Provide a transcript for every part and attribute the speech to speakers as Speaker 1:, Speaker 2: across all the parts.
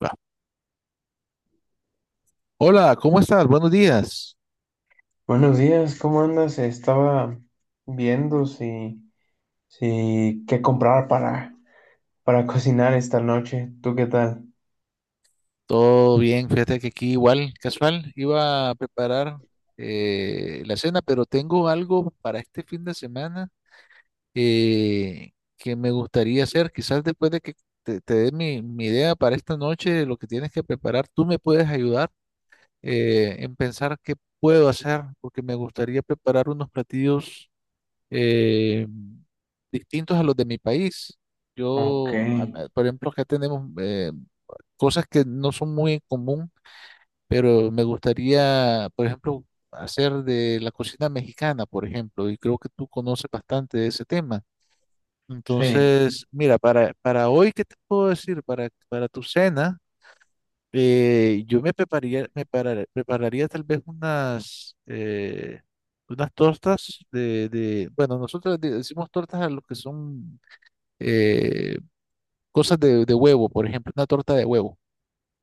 Speaker 1: Va. Hola, ¿cómo estás? Buenos días.
Speaker 2: Buenos días, ¿cómo andas? Estaba viendo si qué comprar para cocinar esta noche. ¿Tú qué tal?
Speaker 1: Todo bien, fíjate que aquí igual, casual, iba a preparar la cena, pero tengo algo para este fin de semana que me gustaría hacer. Quizás después de que te dé mi idea para esta noche, lo que tienes que preparar, tú me puedes ayudar en pensar qué puedo hacer, porque me gustaría preparar unos platillos eh, distintos a los de mi país.
Speaker 2: Ok,
Speaker 1: Yo, por ejemplo, acá tenemos cosas que no son muy en común, pero me gustaría, por ejemplo, hacer de la cocina mexicana, por ejemplo, y creo que tú conoces bastante de ese tema.
Speaker 2: sí.
Speaker 1: Entonces, mira, para hoy, ¿qué te puedo decir? Para tu cena, yo me prepararía, prepararía tal vez unas, unas tortas de, bueno, nosotros decimos tortas a lo que son eh, cosas de huevo, por ejemplo, una torta de huevo,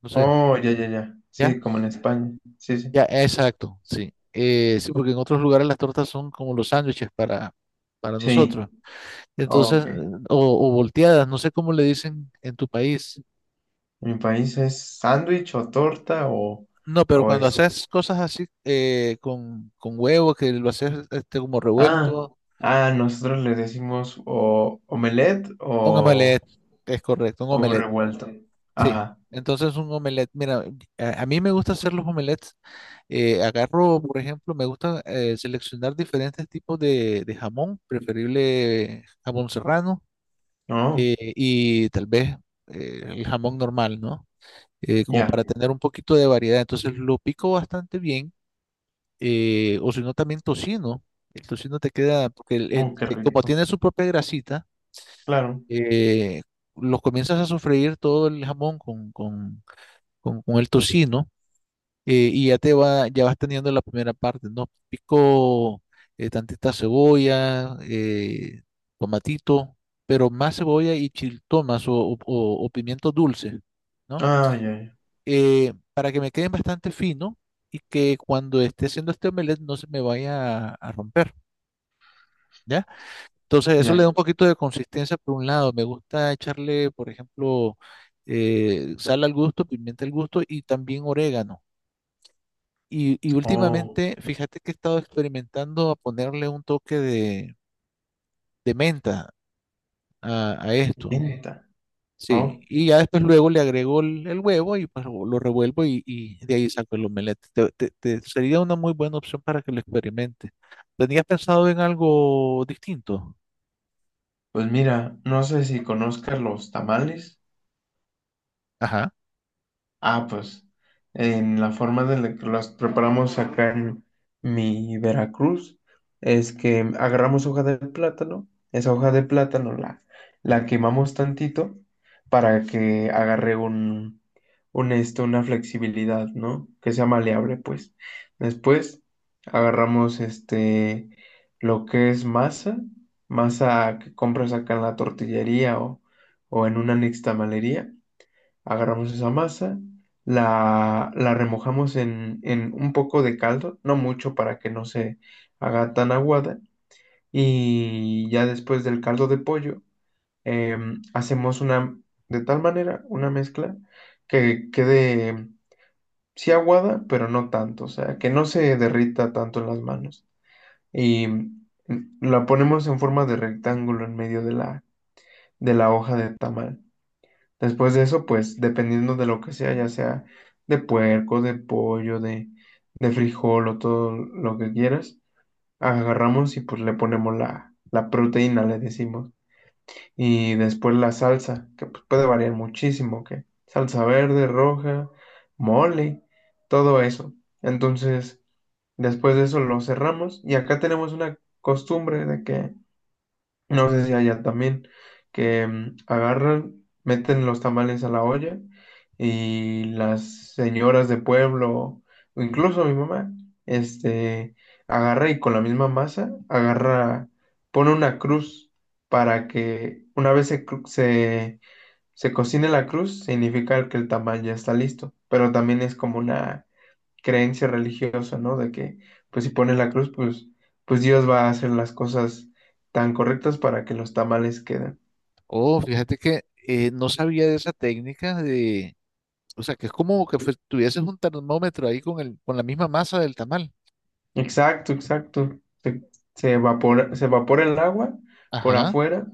Speaker 1: no sé,
Speaker 2: Oh, ya, ya, ya.
Speaker 1: ¿ya?
Speaker 2: Sí, como en España. Sí, sí.
Speaker 1: Ya, exacto, sí. Sí, porque en otros lugares las tortas son como los sándwiches para
Speaker 2: Sí,
Speaker 1: nosotros. Entonces,
Speaker 2: ok.
Speaker 1: o volteadas, no sé cómo le dicen en tu país.
Speaker 2: Mi país es sándwich o torta o,
Speaker 1: No, pero
Speaker 2: o
Speaker 1: cuando
Speaker 2: es...
Speaker 1: haces cosas así con huevo, que lo haces este, como
Speaker 2: Ah,
Speaker 1: revuelto,
Speaker 2: nosotros le decimos o omelette
Speaker 1: un
Speaker 2: o
Speaker 1: omelette, es correcto, un
Speaker 2: huevo
Speaker 1: omelette,
Speaker 2: revuelto.
Speaker 1: sí.
Speaker 2: Ajá,
Speaker 1: Entonces, un omelette, mira, a mí me gusta hacer los omelettes. Eh, agarro, por ejemplo, me gusta seleccionar diferentes tipos de jamón, preferible jamón serrano
Speaker 2: no,
Speaker 1: y tal vez el jamón normal, ¿no? Como
Speaker 2: ya.
Speaker 1: para tener un poquito de variedad. Entonces lo pico bastante bien, o si no también tocino. El tocino te queda, porque
Speaker 2: Oh, qué
Speaker 1: como
Speaker 2: rico.
Speaker 1: tiene su propia grasita,
Speaker 2: Claro.
Speaker 1: eh, lo comienzas a sofreír todo el jamón con el tocino y ya te va, ya vas teniendo la primera parte, ¿no? Pico tantita cebolla, tomatito, pero más cebolla y chiltomas o pimientos dulces, ¿no?
Speaker 2: Ah, ya,
Speaker 1: Para que me queden bastante fino y que cuando esté haciendo este omelette no se me vaya a romper, ¿ya? Entonces eso le
Speaker 2: ya.
Speaker 1: da un poquito de consistencia por un lado. Me gusta echarle, por ejemplo, sal al gusto, pimienta al gusto y también orégano. Y
Speaker 2: Oh,
Speaker 1: últimamente, fíjate que he estado experimentando a ponerle un toque de menta a esto.
Speaker 2: venta.
Speaker 1: Sí,
Speaker 2: Oh,
Speaker 1: y ya después luego le agrego el huevo y pues lo revuelvo y de ahí saco el omelette. Sería una muy buena opción para que lo experimentes. ¿Tenías pensado en algo distinto?
Speaker 2: pues mira, no sé si conozcas los tamales.
Speaker 1: Ajá.
Speaker 2: Ah, pues en la forma de la que las preparamos acá en mi Veracruz es que agarramos hoja de plátano, esa hoja de plátano la quemamos tantito para que agarre un esto, una flexibilidad, ¿no? Que sea maleable, pues. Después agarramos este, lo que es masa, masa que compras acá en la tortillería o en una nixtamalería. Agarramos esa masa, la remojamos en un poco de caldo, no mucho para que no se haga tan aguada. Y ya después del caldo de pollo, hacemos una, de tal manera, una mezcla que quede, sí aguada, pero no tanto, o sea, que no se derrita tanto en las manos. Y la ponemos en forma de rectángulo en medio de de la hoja de tamal. Después de eso, pues dependiendo de lo que sea, ya sea de puerco, de pollo, de frijol o todo lo que quieras, agarramos y pues le ponemos la proteína, le decimos. Y después la salsa, que pues, puede variar muchísimo, que salsa verde, roja, mole, todo eso. Entonces, después de eso lo cerramos y acá tenemos una costumbre de que no sé si allá también, que agarran, meten los tamales a la olla y las señoras de pueblo, o incluso mi mamá, este, agarra y con la misma masa, agarra, pone una cruz para que una vez se cocine la cruz, significa que el tamal ya está listo, pero también es como una creencia religiosa, ¿no? De que, pues si pones la cruz, pues Dios va a hacer las cosas tan correctas para que los tamales queden.
Speaker 1: Oh, fíjate que no sabía de esa técnica de, o sea, que es como que tuvieses un termómetro ahí con el, con la misma masa del tamal.
Speaker 2: Exacto, exacto. Se evapora el agua por
Speaker 1: Ajá.
Speaker 2: afuera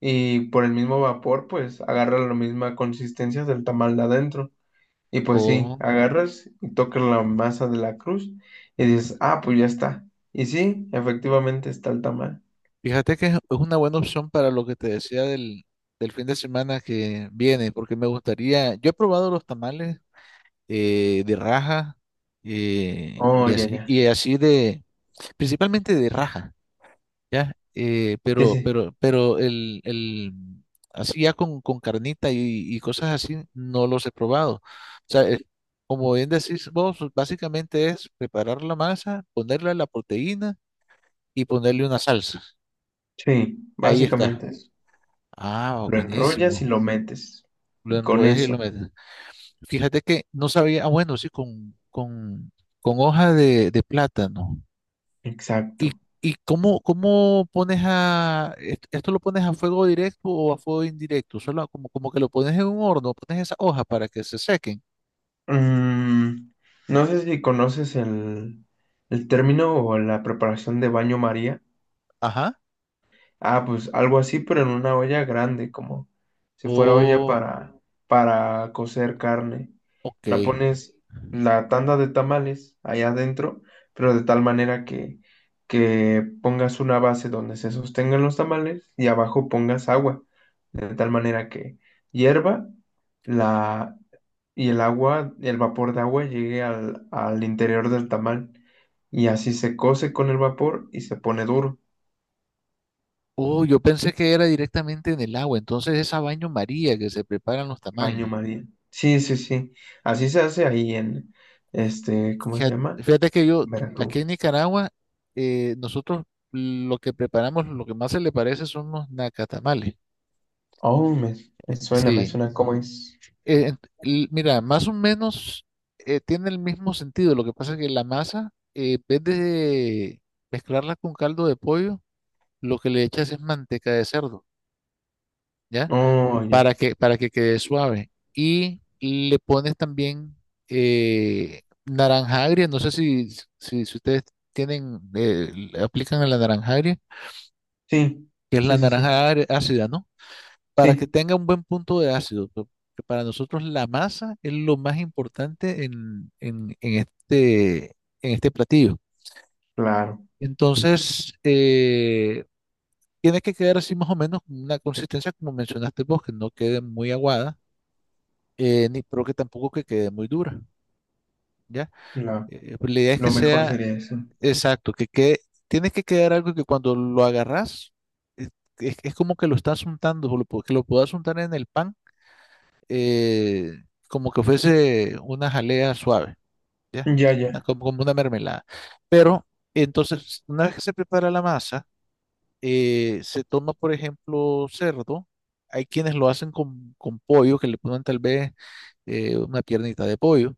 Speaker 2: y por el mismo vapor, pues agarra la misma consistencia del tamal de adentro. Y pues sí, agarras y tocas la masa de la cruz y dices, ah, pues ya está. Y sí, efectivamente está el tamal.
Speaker 1: Fíjate que es una buena opción para lo que te decía del, del fin de semana que viene, porque me gustaría, yo he probado los tamales de raja
Speaker 2: Oh, ya, ya.
Speaker 1: y así de, principalmente de raja, ¿ya?
Speaker 2: Sí, sí.
Speaker 1: Pero el, así ya con carnita y cosas así, no los he probado. O sea, como bien decís vos, básicamente es preparar la masa, ponerle la proteína y ponerle una salsa.
Speaker 2: Sí,
Speaker 1: Ahí está.
Speaker 2: básicamente eso.
Speaker 1: Ah,
Speaker 2: Lo enrollas y
Speaker 1: buenísimo.
Speaker 2: lo metes.
Speaker 1: Lo
Speaker 2: Y con
Speaker 1: enrollas y lo
Speaker 2: eso,
Speaker 1: metes. Fíjate que no sabía, ah, bueno, sí, con hoja de plátano. ¿Y,
Speaker 2: exacto.
Speaker 1: y cómo, cómo pones a, esto lo pones a fuego directo o a fuego indirecto? Solo como, como que lo pones en un horno, pones esa hoja para que se sequen.
Speaker 2: Mm, no sé si conoces el término o la preparación de baño María.
Speaker 1: Ajá.
Speaker 2: Ah, pues algo así, pero en una olla grande, como si fuera olla
Speaker 1: Oh,
Speaker 2: para cocer carne.
Speaker 1: ok.
Speaker 2: La pones la tanda de tamales allá adentro, pero de tal manera que pongas una base donde se sostengan los tamales y abajo pongas agua, de tal manera que hierva la, y el agua, el vapor de agua llegue al interior del tamal. Y así se cose con el vapor y se pone duro.
Speaker 1: Oh, yo pensé que era directamente en el agua, entonces esa baño María que se preparan los
Speaker 2: Baño
Speaker 1: tamales.
Speaker 2: María. Sí, sí, sí. Así se hace ahí en, este, ¿cómo se
Speaker 1: Ja-
Speaker 2: llama?
Speaker 1: Fíjate que yo, aquí en
Speaker 2: Veracruz.
Speaker 1: Nicaragua, nosotros lo que preparamos, lo que más se le parece son los nacatamales.
Speaker 2: Oh, me
Speaker 1: Sí.
Speaker 2: suena cómo es.
Speaker 1: Mira, más o menos tiene el mismo sentido. Lo que pasa es que la masa, en vez de mezclarla con caldo de pollo, lo que le echas es manteca de cerdo, ¿ya?
Speaker 2: Oh,
Speaker 1: Para
Speaker 2: ya.
Speaker 1: que, para que quede suave. Y le pones también naranja agria, no sé si, si ustedes tienen, le aplican a la naranja agria,
Speaker 2: Sí,
Speaker 1: que es
Speaker 2: sí,
Speaker 1: la
Speaker 2: sí, sí.
Speaker 1: naranja agria ácida, ¿no? Para que
Speaker 2: Sí,
Speaker 1: tenga un buen punto de ácido, porque para nosotros la masa es lo más importante en, en este platillo.
Speaker 2: claro.
Speaker 1: Entonces, tiene que quedar así más o menos una consistencia como mencionaste vos, que no quede muy aguada ni, pero que tampoco que quede muy dura, ¿ya?
Speaker 2: la-
Speaker 1: Pues la idea es que
Speaker 2: Lo mejor
Speaker 1: sea
Speaker 2: sería eso.
Speaker 1: exacto, que quede, tiene que quedar algo que cuando lo agarras, es, es como que lo estás untando, o lo que lo puedas untar en el pan, eh, como que fuese una jalea suave, ¿ya?
Speaker 2: Ya,
Speaker 1: Ah,
Speaker 2: ya.
Speaker 1: como, como una mermelada. Pero entonces, una vez que se prepara la masa, se toma, por ejemplo, cerdo. Hay quienes lo hacen con pollo, que le ponen tal vez una piernita de pollo.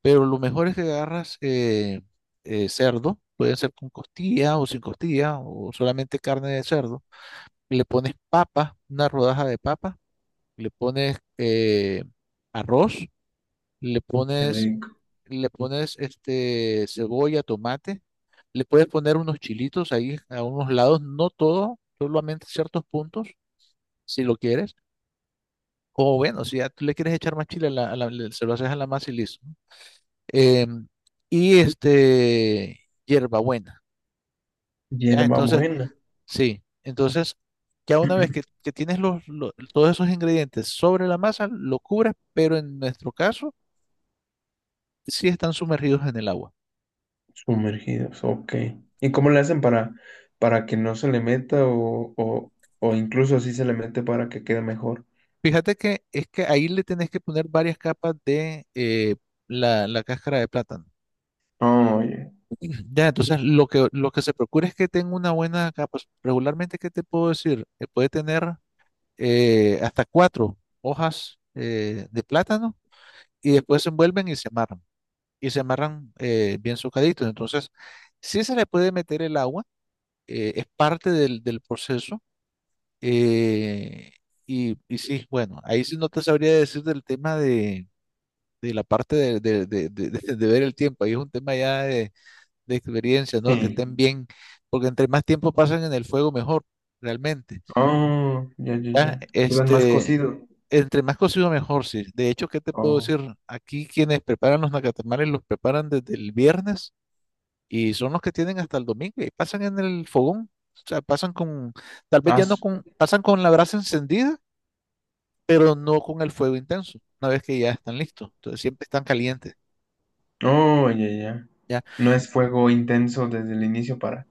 Speaker 1: Pero lo mejor es que agarras cerdo, puede ser con costilla o sin costilla, o solamente carne de cerdo. Le pones papa, una rodaja de papa, le pones arroz, le
Speaker 2: Qué
Speaker 1: pones,
Speaker 2: rico.
Speaker 1: le pones este, cebolla, tomate, le puedes poner unos chilitos ahí a unos lados, no todo, solamente ciertos puntos, si lo quieres. O bueno, si ya tú le quieres echar más chile, se lo haces a la masa y listo. em, y este, hierbabuena, ¿ya?
Speaker 2: Hierba
Speaker 1: Entonces,
Speaker 2: buena.
Speaker 1: sí, entonces, ya una vez que tienes los, todos esos ingredientes sobre la masa, lo cubres, pero en nuestro caso, sí están sumergidos en el agua.
Speaker 2: Sumergidos, ok. ¿Y cómo le hacen para que no se le meta o incluso si se le mete para que quede mejor?
Speaker 1: Fíjate que es que ahí le tenés que poner varias capas de la, la cáscara de plátano.
Speaker 2: Oh, ya.
Speaker 1: Ya, entonces lo que se procura es que tenga una buena capa. Regularmente, ¿qué te puedo decir? Puede tener hasta 4 hojas de plátano y después se envuelven y se amarran bien socaditos. Entonces, sí se le puede meter el agua, es parte del, del proceso. eh, y, y sí, bueno, ahí sí no te sabría decir del tema de la parte de, de ver el tiempo, ahí es un tema ya de experiencia, ¿no? Que
Speaker 2: Sí.
Speaker 1: estén bien, porque entre más tiempo pasan en el fuego, mejor, realmente.
Speaker 2: Oh, ya, ya,
Speaker 1: Ya,
Speaker 2: ya. Lo más
Speaker 1: este,
Speaker 2: cocido.
Speaker 1: entre más cocido mejor, sí. De hecho, ¿qué te puedo
Speaker 2: Oh,
Speaker 1: decir? Aquí quienes preparan los nacatamares los preparan desde el viernes y son los que tienen hasta el domingo y pasan en el fogón. O sea, pasan con, tal vez ya no
Speaker 2: as.
Speaker 1: con, pasan con la brasa encendida, pero no con el fuego intenso, una vez que ya están listos. Entonces siempre están calientes,
Speaker 2: Oh, ya, ya.
Speaker 1: ¿ya?
Speaker 2: No es fuego intenso desde el inicio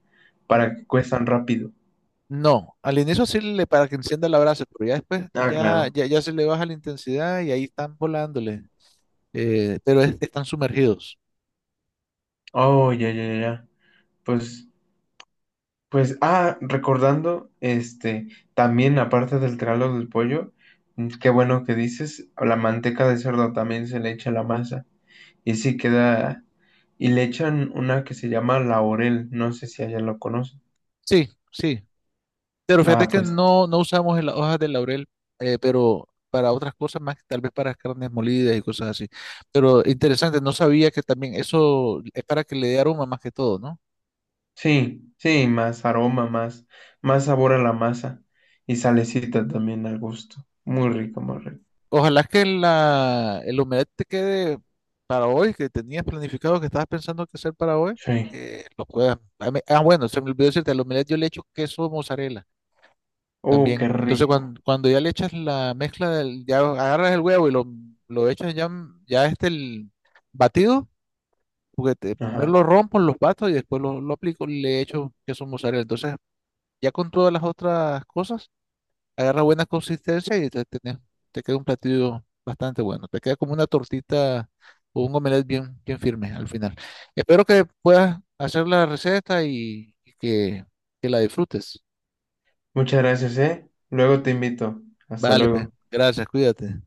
Speaker 1: N-
Speaker 2: para que cuezan rápido.
Speaker 1: No, al inicio sí le para que encienda la brasa, pero ya después
Speaker 2: Ah, claro.
Speaker 1: ya se le baja la intensidad y ahí están volándole, pero están sumergidos.
Speaker 2: Oh, ya, ya, ya. Ya. Pues, pues, ah, recordando, este, también aparte del tralo del pollo, mm, qué bueno que dices, la manteca de cerdo también se le echa a la masa. Y sí queda, y le echan una que se llama laurel, no sé si allá lo conocen.
Speaker 1: Sí, sí. Pero fíjate
Speaker 2: Ah,
Speaker 1: que
Speaker 2: pues
Speaker 1: no, no usamos en las hojas de laurel, pero para otras cosas más, tal vez para carnes molidas y cosas así. Pero interesante, no sabía que también eso es para que le dé aroma más que todo, ¿no?
Speaker 2: sí, sí, más aroma, más, más sabor a la masa y salecita también al gusto. Muy rico, muy rico.
Speaker 1: Ojalá que la, el omelette te quede para hoy, que tenías planificado, que estabas pensando que hacer para hoy,
Speaker 2: Sí.
Speaker 1: lo puedas. Ah, ah, bueno, se me olvidó decirte, al omelette yo le echo queso mozzarella
Speaker 2: Oh, qué
Speaker 1: también. Entonces,
Speaker 2: rico.
Speaker 1: cuando, cuando ya le echas la mezcla, del, ya agarras el huevo y lo echas ya, ya este el batido juguete. Primero
Speaker 2: Ajá.
Speaker 1: lo rompo, los bato y después lo aplico y le echo queso mozzarella. Entonces, ya con todas las otras cosas, agarra buena consistencia y te, te queda un platillo bastante bueno. Te queda como una tortita o un omelette bien, bien firme al final. Espero que puedas hacer la receta y que la disfrutes.
Speaker 2: Muchas gracias, ¿eh? Luego te invito. Hasta
Speaker 1: Vale, pues,
Speaker 2: luego.
Speaker 1: gracias, cuídate.